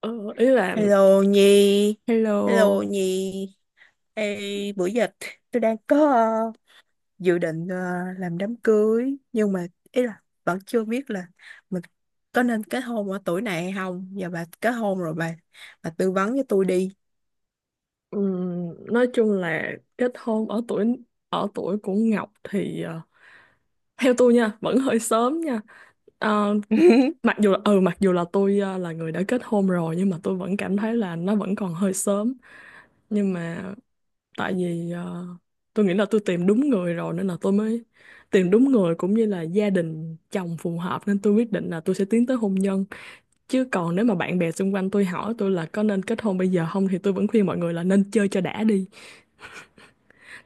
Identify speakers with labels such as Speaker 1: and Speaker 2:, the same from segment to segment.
Speaker 1: Ờ, ý là
Speaker 2: Hello Nhi, hello
Speaker 1: hello.
Speaker 2: Nhi. Ê, bữa giờ tôi đang có dự định làm đám cưới, nhưng mà ý là vẫn chưa biết là mình có nên kết hôn ở tuổi này hay không. Giờ bà kết hôn rồi, bà tư vấn cho tôi đi.
Speaker 1: Nói chung là kết hôn ở tuổi của Ngọc thì theo tôi nha vẫn hơi sớm nha. Ờ, mặc dù mặc dù là tôi là người đã kết hôn rồi, nhưng mà tôi vẫn cảm thấy là nó vẫn còn hơi sớm. Nhưng mà tại vì tôi nghĩ là tôi tìm đúng người rồi nên là tôi mới tìm đúng người, cũng như là gia đình chồng phù hợp nên tôi quyết định là tôi sẽ tiến tới hôn nhân. Chứ còn nếu mà bạn bè xung quanh tôi hỏi tôi là có nên kết hôn bây giờ không thì tôi vẫn khuyên mọi người là nên chơi cho đã đi.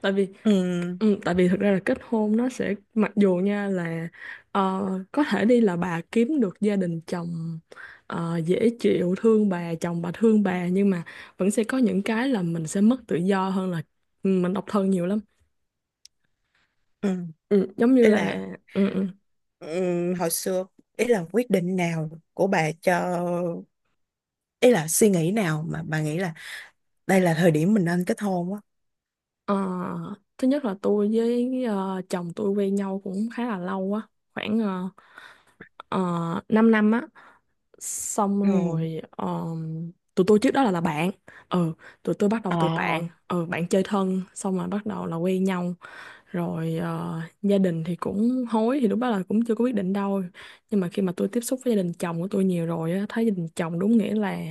Speaker 1: Tại vì
Speaker 2: Ừ,
Speaker 1: tại vì thực ra là kết hôn nó sẽ, mặc dù nha, là ờ, có thể đi là bà kiếm được gia đình chồng dễ chịu, thương bà, chồng bà thương bà, nhưng mà vẫn sẽ có những cái là mình sẽ mất tự do hơn là mình độc thân nhiều lắm.
Speaker 2: ừ.
Speaker 1: Ừ, giống như
Speaker 2: Ý là
Speaker 1: là ừ, ừ.
Speaker 2: ừ, hồi xưa, ý là quyết định nào của bà cho, ý là suy nghĩ nào mà bà nghĩ là đây là thời điểm mình nên kết hôn á.
Speaker 1: Ờ, thứ nhất là tôi với chồng tôi quen nhau cũng khá là lâu á, khoảng 5 năm á. Xong
Speaker 2: Ừ.
Speaker 1: rồi tụi tôi trước đó là bạn, ừ, tụi tôi bắt đầu
Speaker 2: Ờ,
Speaker 1: từ bạn chơi thân xong rồi bắt đầu là quen nhau. Rồi gia đình thì cũng hối, thì lúc đó là cũng chưa có quyết định đâu, nhưng mà khi mà tôi tiếp xúc với gia đình chồng của tôi nhiều rồi á, thấy gia đình chồng đúng nghĩa là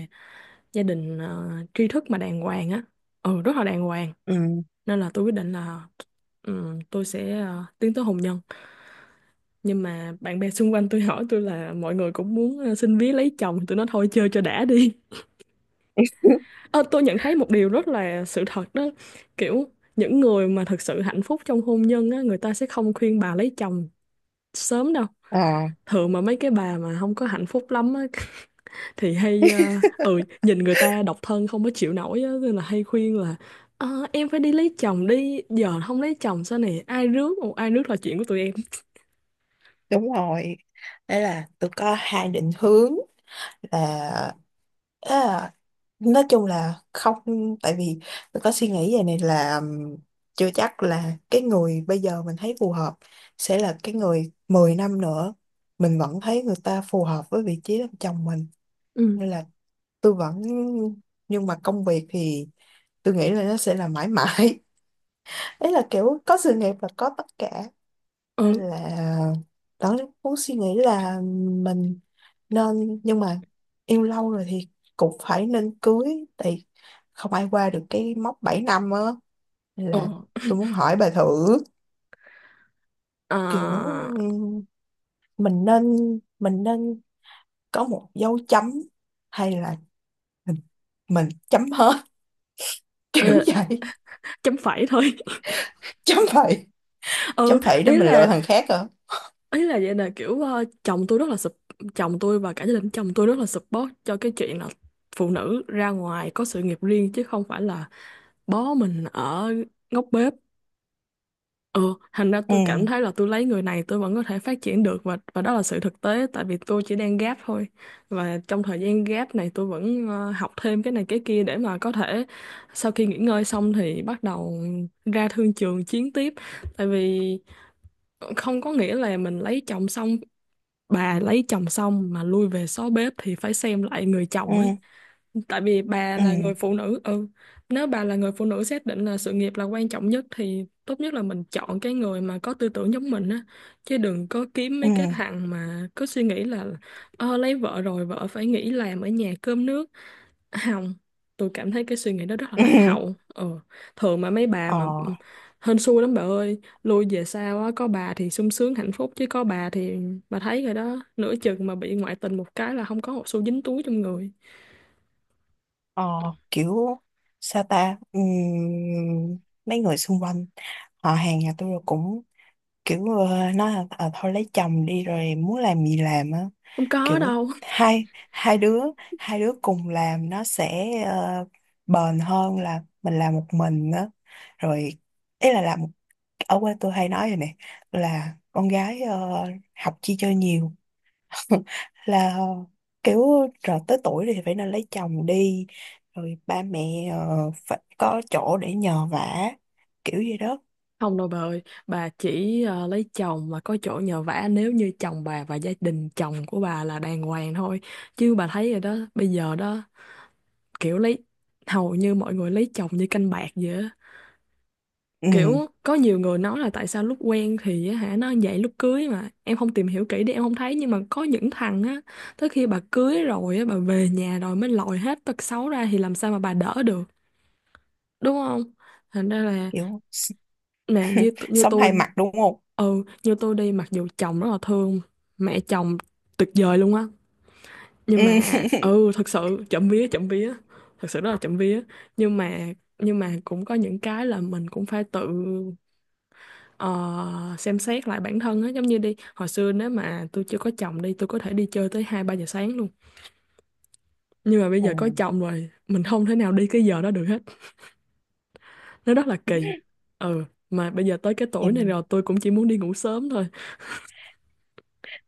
Speaker 1: gia đình tri thức mà đàng hoàng á, ừ, rất là đàng hoàng.
Speaker 2: ừ.
Speaker 1: Nên là tôi quyết định là tôi sẽ tiến tới hôn nhân. Nhưng mà bạn bè xung quanh tôi hỏi tôi, là mọi người cũng muốn xin vía lấy chồng, tôi nói thôi chơi cho đã đi. Ờ, tôi nhận thấy một điều rất là sự thật đó, kiểu những người mà thực sự hạnh phúc trong hôn nhân á, người ta sẽ không khuyên bà lấy chồng sớm đâu.
Speaker 2: Ờ.
Speaker 1: Thường mà mấy cái bà mà không có hạnh phúc lắm á thì hay ừ, nhìn người ta độc thân không có chịu nổi á nên là hay khuyên là "Ờ, em phải đi lấy chồng đi, giờ không lấy chồng sao, nè ai rước, một ai rước là chuyện của tụi em".
Speaker 2: Đúng rồi, đấy là tôi có hai định hướng là, à, nói chung là không. Tại vì tôi có suy nghĩ về này là, chưa chắc là cái người bây giờ mình thấy phù hợp sẽ là cái người 10 năm nữa mình vẫn thấy người ta phù hợp với vị trí làm chồng mình.
Speaker 1: Ừ.
Speaker 2: Nên là tôi vẫn, nhưng mà công việc thì tôi nghĩ là nó sẽ là mãi mãi. Đấy là kiểu có sự nghiệp là có tất cả. Nên
Speaker 1: Ừ,
Speaker 2: là đó, muốn suy nghĩ là mình nên, nhưng mà yêu lâu rồi thì cũng phải nên cưới, thì không ai qua được cái mốc 7 năm á. Nên
Speaker 1: ừ.
Speaker 2: là tôi muốn hỏi bà thử, kiểu
Speaker 1: Ờ,
Speaker 2: ừm, mình nên mình nên có một dấu chấm, hay là mình, mình chấm hết. Kiểu
Speaker 1: ờ,
Speaker 2: vậy.
Speaker 1: chấm phẩy thôi.
Speaker 2: Chấm phẩy.
Speaker 1: Ừ,
Speaker 2: Chấm phẩy để
Speaker 1: ý
Speaker 2: mình lựa
Speaker 1: là
Speaker 2: thằng khác hả?
Speaker 1: ý là vậy, là kiểu chồng tôi rất là sup, chồng tôi và cả gia đình chồng tôi rất là support cho cái chuyện là phụ nữ ra ngoài có sự nghiệp riêng, chứ không phải là bó mình ở ngóc bếp. Ừ, thành ra
Speaker 2: Ừ.
Speaker 1: tôi cảm thấy là tôi lấy người này tôi vẫn có thể phát triển được, và đó là sự thực tế. Tại vì tôi chỉ đang gap thôi, và trong thời gian gap này tôi vẫn học thêm cái này cái kia để mà có thể sau khi nghỉ ngơi xong thì bắt đầu ra thương trường chiến tiếp. Tại vì không có nghĩa là mình lấy chồng xong, bà lấy chồng xong mà lui về xó bếp thì phải xem lại người chồng ấy.
Speaker 2: Ừ.
Speaker 1: Tại vì bà là
Speaker 2: Ừ.
Speaker 1: người phụ nữ, ừ, nếu bà là người phụ nữ xác định là sự nghiệp là quan trọng nhất thì tốt nhất là mình chọn cái người mà có tư tưởng giống mình á, chứ đừng có kiếm
Speaker 2: Ừ.
Speaker 1: mấy cái thằng mà cứ suy nghĩ là lấy vợ rồi vợ phải nghỉ làm ở nhà cơm nước. Không, tôi cảm thấy cái suy nghĩ đó rất là
Speaker 2: Ừ.
Speaker 1: lạc hậu. Ờ, thường mà mấy bà mà
Speaker 2: Ờ.
Speaker 1: hên xui lắm bà ơi, lui về sau á, có bà thì sung sướng hạnh phúc chứ có bà thì bà thấy rồi đó, nửa chừng mà bị ngoại tình một cái là không có một xu dính túi trong người.
Speaker 2: Ờ, kiểu sao ta. Mấy người xung quanh, họ hàng nhà tôi cũng kiểu nói là, "Ờ, thôi lấy chồng đi rồi muốn làm gì làm á."
Speaker 1: Không có
Speaker 2: Kiểu
Speaker 1: đâu.
Speaker 2: hai hai đứa, hai đứa cùng làm nó sẽ bền hơn là mình làm một mình á. Rồi, ý là làm, ở quê tôi hay nói rồi nè, là con gái học chi cho nhiều. Là kiểu rồi tới tuổi thì phải nên lấy chồng đi, rồi ba mẹ phải có chỗ để nhờ vả, kiểu gì đó.
Speaker 1: Không đâu bà ơi, bà chỉ lấy chồng và có chỗ nhờ vả nếu như chồng bà và gia đình chồng của bà là đàng hoàng thôi. Chứ bà thấy rồi đó, bây giờ đó kiểu lấy, hầu như mọi người lấy chồng như canh bạc vậy á.
Speaker 2: Ừ.
Speaker 1: Kiểu có nhiều người nói là tại sao lúc quen thì á hả nó vậy, lúc cưới mà em không tìm hiểu kỹ để em không thấy, nhưng mà có những thằng á tới khi bà cưới rồi á, bà về nhà rồi mới lòi hết tật xấu ra thì làm sao mà bà đỡ được, đúng không. Thành ra là
Speaker 2: Kiểu
Speaker 1: nè như
Speaker 2: sống
Speaker 1: tôi,
Speaker 2: hai mặt, đúng không?
Speaker 1: như tôi đi, mặc dù chồng rất là thương, mẹ chồng tuyệt vời luôn á, nhưng
Speaker 2: Ừ.
Speaker 1: mà ừ thật sự chậm vía, chậm vía, thật sự rất là chậm vía. Nhưng mà nhưng mà cũng có những cái là mình cũng phải tự ờ, xem xét lại bản thân á, giống như đi, hồi xưa nếu mà tôi chưa có chồng đi tôi có thể đi chơi tới hai ba giờ sáng luôn, nhưng mà bây
Speaker 2: Ừ.
Speaker 1: giờ có chồng rồi mình không thể nào đi cái giờ đó được hết, nó rất là kỳ. Ừ, mà bây giờ tới cái
Speaker 2: thì
Speaker 1: tuổi này rồi
Speaker 2: mình
Speaker 1: tôi cũng chỉ muốn đi ngủ sớm thôi.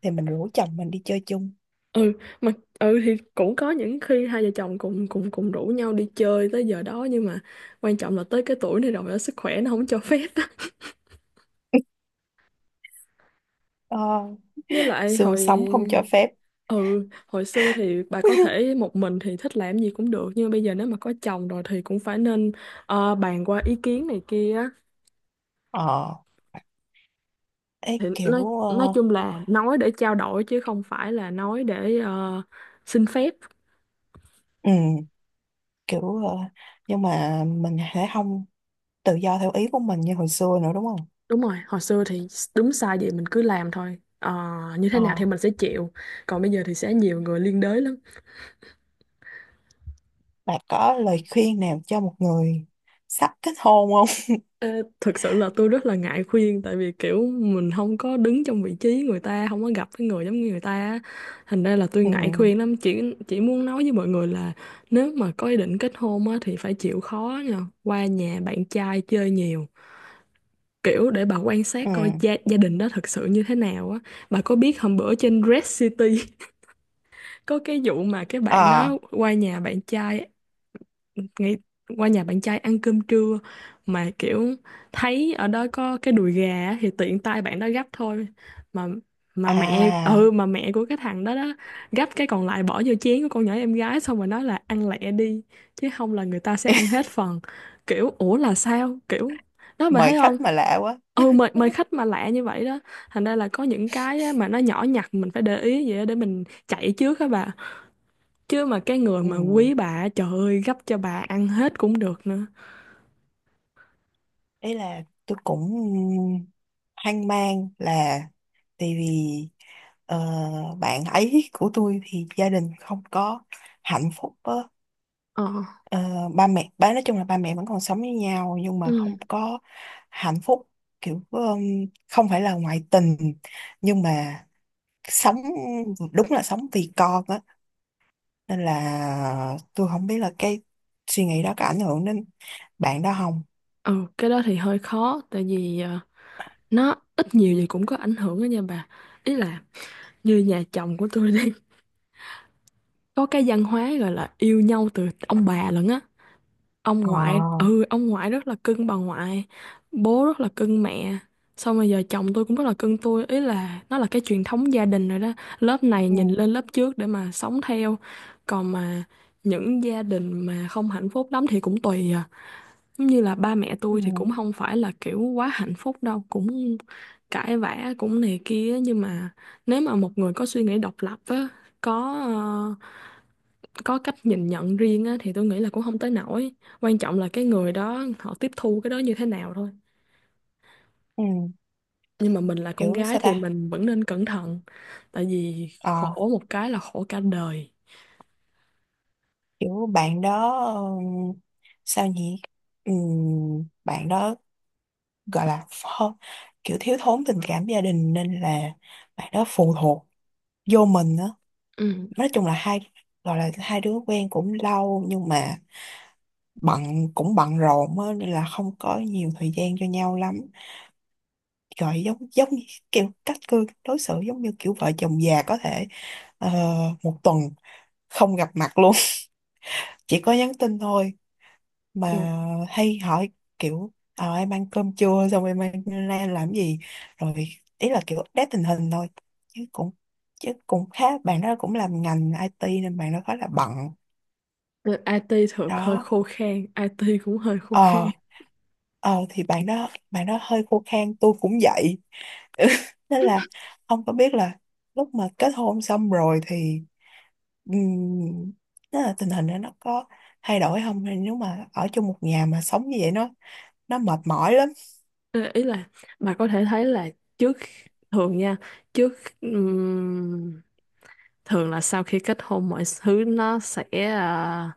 Speaker 2: thì mình rủ chồng mình đi chơi chung.
Speaker 1: Ừ, mà ừ thì cũng có những khi hai vợ chồng cùng cùng cùng rủ nhau đi chơi tới giờ đó, nhưng mà quan trọng là tới cái tuổi này rồi á, sức khỏe nó không cho phép á.
Speaker 2: Ờ,
Speaker 1: Với lại
Speaker 2: xương
Speaker 1: hồi,
Speaker 2: sống không cho phép.
Speaker 1: ừ, hồi xưa thì bà có thể một mình thì thích làm gì cũng được, nhưng mà bây giờ nếu mà có chồng rồi thì cũng phải nên bàn qua ý kiến này kia á.
Speaker 2: Ờ, ấy
Speaker 1: Thì nói,
Speaker 2: kiểu
Speaker 1: nói chung là nói để trao đổi chứ không phải là nói để xin phép.
Speaker 2: ừ, kiểu nhưng mà mình sẽ không tự do theo ý của mình như hồi xưa nữa, đúng không?
Speaker 1: Đúng rồi, hồi xưa thì đúng sai gì mình cứ làm thôi. Ờ, như thế
Speaker 2: ờ
Speaker 1: nào thì mình sẽ chịu. Còn bây giờ thì sẽ nhiều người liên đới lắm.
Speaker 2: Bà có lời khuyên nào cho một người sắp kết hôn không?
Speaker 1: Ờ, Thực sự là tôi rất là ngại khuyên, tại vì kiểu mình không có đứng trong vị trí người ta, không có gặp cái người giống như người ta á. Thành ra là tôi ngại
Speaker 2: Ừ.
Speaker 1: khuyên lắm, chỉ muốn nói với mọi người là nếu mà có ý định kết hôn á, thì phải chịu khó nha, qua nhà bạn trai chơi nhiều, kiểu để bà quan sát
Speaker 2: Ừ.
Speaker 1: coi gia đình đó thật sự như thế nào á. Bà có biết hôm bữa trên Red City có cái vụ mà cái bạn đó
Speaker 2: À,
Speaker 1: qua nhà bạn trai, nghĩ, qua nhà bạn trai ăn cơm trưa, mà kiểu thấy ở đó có cái đùi gà á, thì tiện tay bạn đó gắp thôi, mà mà mẹ
Speaker 2: à,
Speaker 1: ừ mà mẹ của cái thằng đó đó gắp cái còn lại bỏ vô chén của con nhỏ em gái xong rồi nói là ăn lẹ đi chứ không là người ta sẽ ăn hết phần. Kiểu ủa là sao, kiểu, đó bạn
Speaker 2: mời
Speaker 1: thấy không.
Speaker 2: khách mà lạ quá.
Speaker 1: Ừ, mời mời khách mà lạ như vậy đó. Thành ra là có những cái á mà nó nhỏ nhặt mình phải để ý vậy á để mình chạy trước á bà, chứ mà cái người
Speaker 2: Ừ.
Speaker 1: mà quý bà trời ơi gấp cho bà ăn hết cũng được nữa.
Speaker 2: Ý là tôi cũng hoang mang, là tại vì ờ, bạn ấy của tôi thì gia đình không có hạnh phúc á.
Speaker 1: Ờ.
Speaker 2: Ờ, ba mẹ, nói chung là ba mẹ vẫn còn sống với nhau nhưng mà
Speaker 1: Ừ.
Speaker 2: không có hạnh phúc, kiểu không phải là ngoại tình, nhưng mà sống, đúng là sống vì con á. Nên là tôi không biết là cái suy nghĩ đó có ảnh hưởng đến bạn đó không.
Speaker 1: Ừ, cái đó thì hơi khó, tại vì nó ít nhiều gì cũng có ảnh hưởng đó nha bà. Ý là như nhà chồng của tôi đi, có cái văn hóa gọi là yêu nhau từ ông bà lận á, ông ngoại
Speaker 2: Ờ.
Speaker 1: ừ ông ngoại rất là cưng bà ngoại, bố rất là cưng mẹ, xong rồi giờ chồng tôi cũng rất là cưng tôi, ý là nó là cái truyền thống gia đình rồi đó, lớp này
Speaker 2: Ừ.
Speaker 1: nhìn lên lớp trước để mà sống theo. Còn mà những gia đình mà không hạnh phúc lắm thì cũng tùy à, giống như là ba mẹ tôi thì
Speaker 2: Ừ.
Speaker 1: cũng không phải là kiểu quá hạnh phúc đâu, cũng cãi vã cũng này kia, nhưng mà nếu mà một người có suy nghĩ độc lập á, có ờ, có cách nhìn nhận riêng á, thì tôi nghĩ là cũng không tới nổi. Quan trọng là cái người đó họ tiếp thu cái đó như thế nào thôi.
Speaker 2: Ừ.
Speaker 1: Nhưng mà mình là con
Speaker 2: Kiểu
Speaker 1: gái
Speaker 2: sao
Speaker 1: thì
Speaker 2: ta.
Speaker 1: mình vẫn nên cẩn thận, tại vì
Speaker 2: ờ
Speaker 1: khổ một cái là khổ cả đời.
Speaker 2: Kiểu bạn đó ừm, sao nhỉ. Bạn đó gọi là kiểu thiếu thốn tình cảm gia đình, nên là bạn đó phụ thuộc vô mình á.
Speaker 1: Ừ.
Speaker 2: Nói chung là gọi là hai đứa quen cũng lâu, nhưng mà bận, cũng bận rộn á, nên là không có nhiều thời gian cho nhau lắm. Gọi giống, giống như kiểu cách cư đối xử giống như kiểu vợ chồng già, có thể ờ, một tuần không gặp mặt luôn. Chỉ có nhắn tin thôi
Speaker 1: Ồ.
Speaker 2: mà, hay hỏi kiểu em ăn cơm chưa, xong em ăn ra làm gì, rồi ý là kiểu update tình hình thôi, chứ cũng chứ cũng khá, bạn đó cũng làm ngành IT nên bạn đó khá là bận.
Speaker 1: Ừ, IT thường hơi
Speaker 2: Đó.
Speaker 1: khô khan, IT cũng hơi khô khan.
Speaker 2: ờ thì bạn đó, bạn đó hơi khô khan, tôi cũng vậy. Nên là ông có biết là lúc mà kết hôn xong rồi thì um, là tình hình đó nó có thay đổi không? Hay nếu mà ở chung một nhà mà sống như vậy nó mệt mỏi lắm.
Speaker 1: Ờ, Ý là bà có thể thấy là trước, thường nha, trước ừm, thường là sau khi kết hôn mọi thứ nó sẽ, ờ,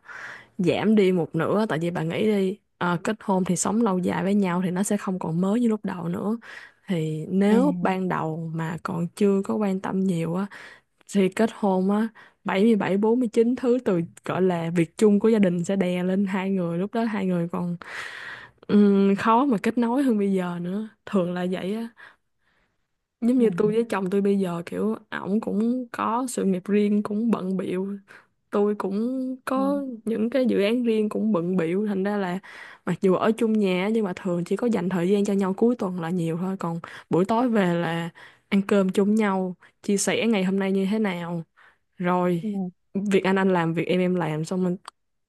Speaker 1: giảm đi một nửa. Tại vì bà nghĩ đi, kết hôn thì sống lâu dài với nhau thì nó sẽ không còn mới như lúc đầu nữa. Thì
Speaker 2: Ừ.
Speaker 1: nếu ban đầu mà còn chưa có quan tâm nhiều á, thì kết hôn á, bảy bảy mươi bảy bốn mươi chín thứ từ gọi là việc chung của gia đình sẽ đè lên hai người. Lúc đó hai người còn khó mà kết nối hơn bây giờ nữa, thường là vậy á. Giống
Speaker 2: Ừ.
Speaker 1: như tôi với chồng tôi bây giờ, kiểu ổng cũng có sự nghiệp riêng cũng bận bịu, tôi cũng
Speaker 2: Ừ.
Speaker 1: có những cái dự án riêng cũng bận bịu, thành ra là mặc dù ở chung nhà á, nhưng mà thường chỉ có dành thời gian cho nhau cuối tuần là nhiều thôi. Còn buổi tối về là ăn cơm chung nhau, chia sẻ ngày hôm nay như thế nào, rồi
Speaker 2: Ừ.
Speaker 1: việc anh làm, việc em làm, xong mình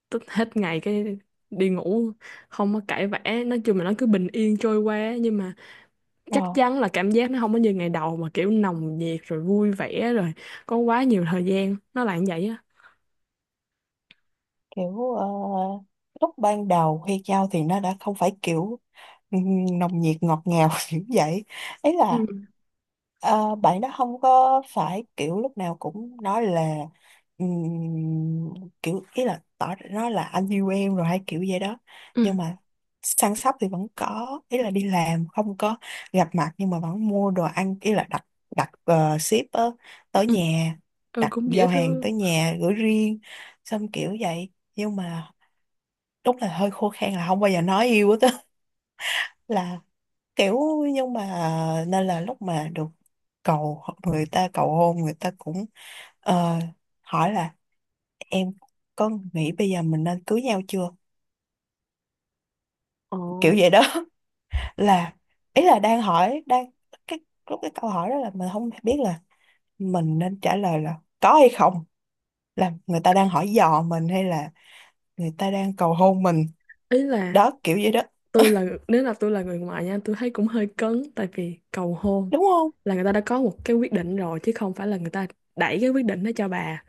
Speaker 1: tức hết ngày cái đi ngủ, không có cãi vã. Nói chung là nó cứ bình yên trôi qua, nhưng mà chắc
Speaker 2: Ờ,
Speaker 1: chắn là cảm giác nó không có như ngày đầu mà kiểu nồng nhiệt rồi vui vẻ rồi có quá nhiều thời gian. Nó là như vậy á.
Speaker 2: kiểu lúc ban đầu khi giao thì nó đã không phải kiểu, Ừ, nồng nhiệt ngọt ngào. Kiểu vậy, ấy là
Speaker 1: Ừ,
Speaker 2: bạn đó không có phải kiểu lúc nào cũng nói là kiểu ý là tỏ, nó là anh yêu em rồi hay kiểu vậy đó.
Speaker 1: ừ,
Speaker 2: Nhưng mà săn sóc thì vẫn có, ý là đi làm không có gặp mặt nhưng mà vẫn mua đồ ăn, ý là đặt, đặt ship á, tới
Speaker 1: ừ.
Speaker 2: nhà,
Speaker 1: Ừ,
Speaker 2: đặt
Speaker 1: cũng dễ
Speaker 2: giao hàng
Speaker 1: thương.
Speaker 2: tới nhà gửi riêng, xong kiểu vậy. Nhưng mà đúng là hơi khô khan, là không bao giờ nói yêu hết á, là kiểu, nhưng mà nên là lúc mà được người ta cầu hôn, người ta cũng ờ, hỏi là, "Em có nghĩ bây giờ mình nên cưới nhau chưa?" Kiểu vậy đó. Là ý là đang hỏi, đang cái, lúc cái câu hỏi đó là mình không biết là mình nên trả lời là có hay không, là người ta đang hỏi dò mình hay là người ta đang cầu hôn mình.
Speaker 1: Ý là
Speaker 2: Đó kiểu vậy đó.
Speaker 1: tôi, là nếu là tôi là người ngoài nha, tôi thấy cũng hơi cấn. Tại vì cầu hôn
Speaker 2: Đúng không?
Speaker 1: là người ta đã có một cái quyết định rồi, chứ không phải là người ta đẩy cái quyết định đó cho bà.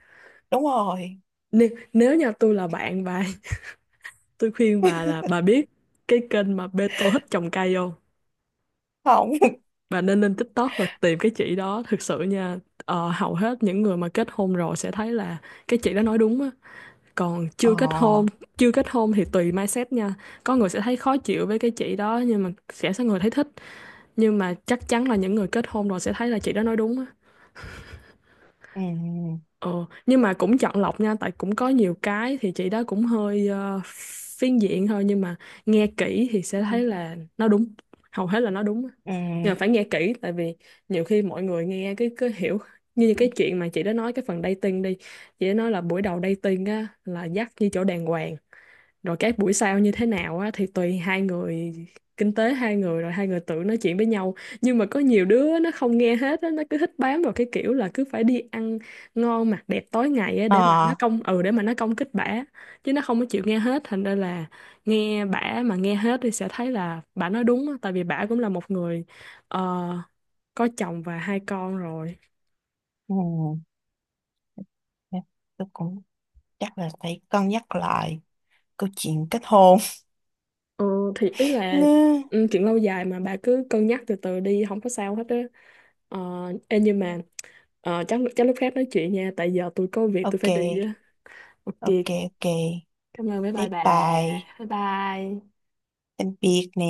Speaker 2: Đúng rồi.
Speaker 1: Nếu như tôi là bạn bà, tôi khuyên bà là, bà biết cái kênh mà Beto thích trồng cây không?
Speaker 2: Không.
Speaker 1: Bà nên lên TikTok và tìm cái chị đó thực sự nha. Ờ, hầu hết những người mà kết hôn rồi sẽ thấy là cái chị đó nói đúng á. Còn
Speaker 2: Ờ.
Speaker 1: chưa kết hôn, chưa kết hôn thì tùy mindset nha. Có người sẽ thấy khó chịu với cái chị đó, nhưng mà sẽ có người thấy thích. Nhưng mà chắc chắn là những người kết hôn rồi sẽ thấy là chị đó nói đúng á.
Speaker 2: Ừ.
Speaker 1: Ờ, nhưng mà cũng chọn lọc nha, tại cũng có nhiều cái thì chị đó cũng hơi phiến diện thôi, nhưng mà nghe kỹ thì sẽ
Speaker 2: Ừ.
Speaker 1: thấy là nó đúng, hầu hết là nó đúng.
Speaker 2: Ừ.
Speaker 1: Nhưng mà phải nghe kỹ, tại vì nhiều khi mọi người nghe cái hiểu, như cái chuyện mà chị đã nói cái phần dating đi, chị đã nói là buổi đầu dating á là dắt như chỗ đàng hoàng, rồi các buổi sau như thế nào á thì tùy hai người, kinh tế hai người, rồi hai người tự nói chuyện với nhau. Nhưng mà có nhiều đứa nó không nghe hết á, nó cứ thích bám vào cái kiểu là cứ phải đi ăn ngon mặc đẹp tối ngày á, để mà nó
Speaker 2: Ờ.
Speaker 1: công, ừ, để mà nó công kích bả, chứ nó không có chịu nghe hết. Thành ra là nghe bả mà nghe hết thì sẽ thấy là bả nói đúng á, tại vì bả cũng là một người ờ, có chồng và hai con rồi.
Speaker 2: Ừ. Dạ, tôi cũng chắc là phải cân nhắc lại câu chuyện kết hôn.
Speaker 1: Ờ, thì ý là,
Speaker 2: Nè.
Speaker 1: ừ, chuyện lâu dài mà, bà cứ cân nhắc từ từ đi, không có sao hết á. ờ, Ê, nhưng mà chắc chắc lúc khác nói chuyện nha, tại giờ tôi có việc tôi
Speaker 2: Ok,
Speaker 1: phải đi á. Ok,
Speaker 2: ok, ok.
Speaker 1: cảm ơn mấy bài
Speaker 2: Bye
Speaker 1: bà,
Speaker 2: bye.
Speaker 1: bye bye.
Speaker 2: Tạm biệt nè.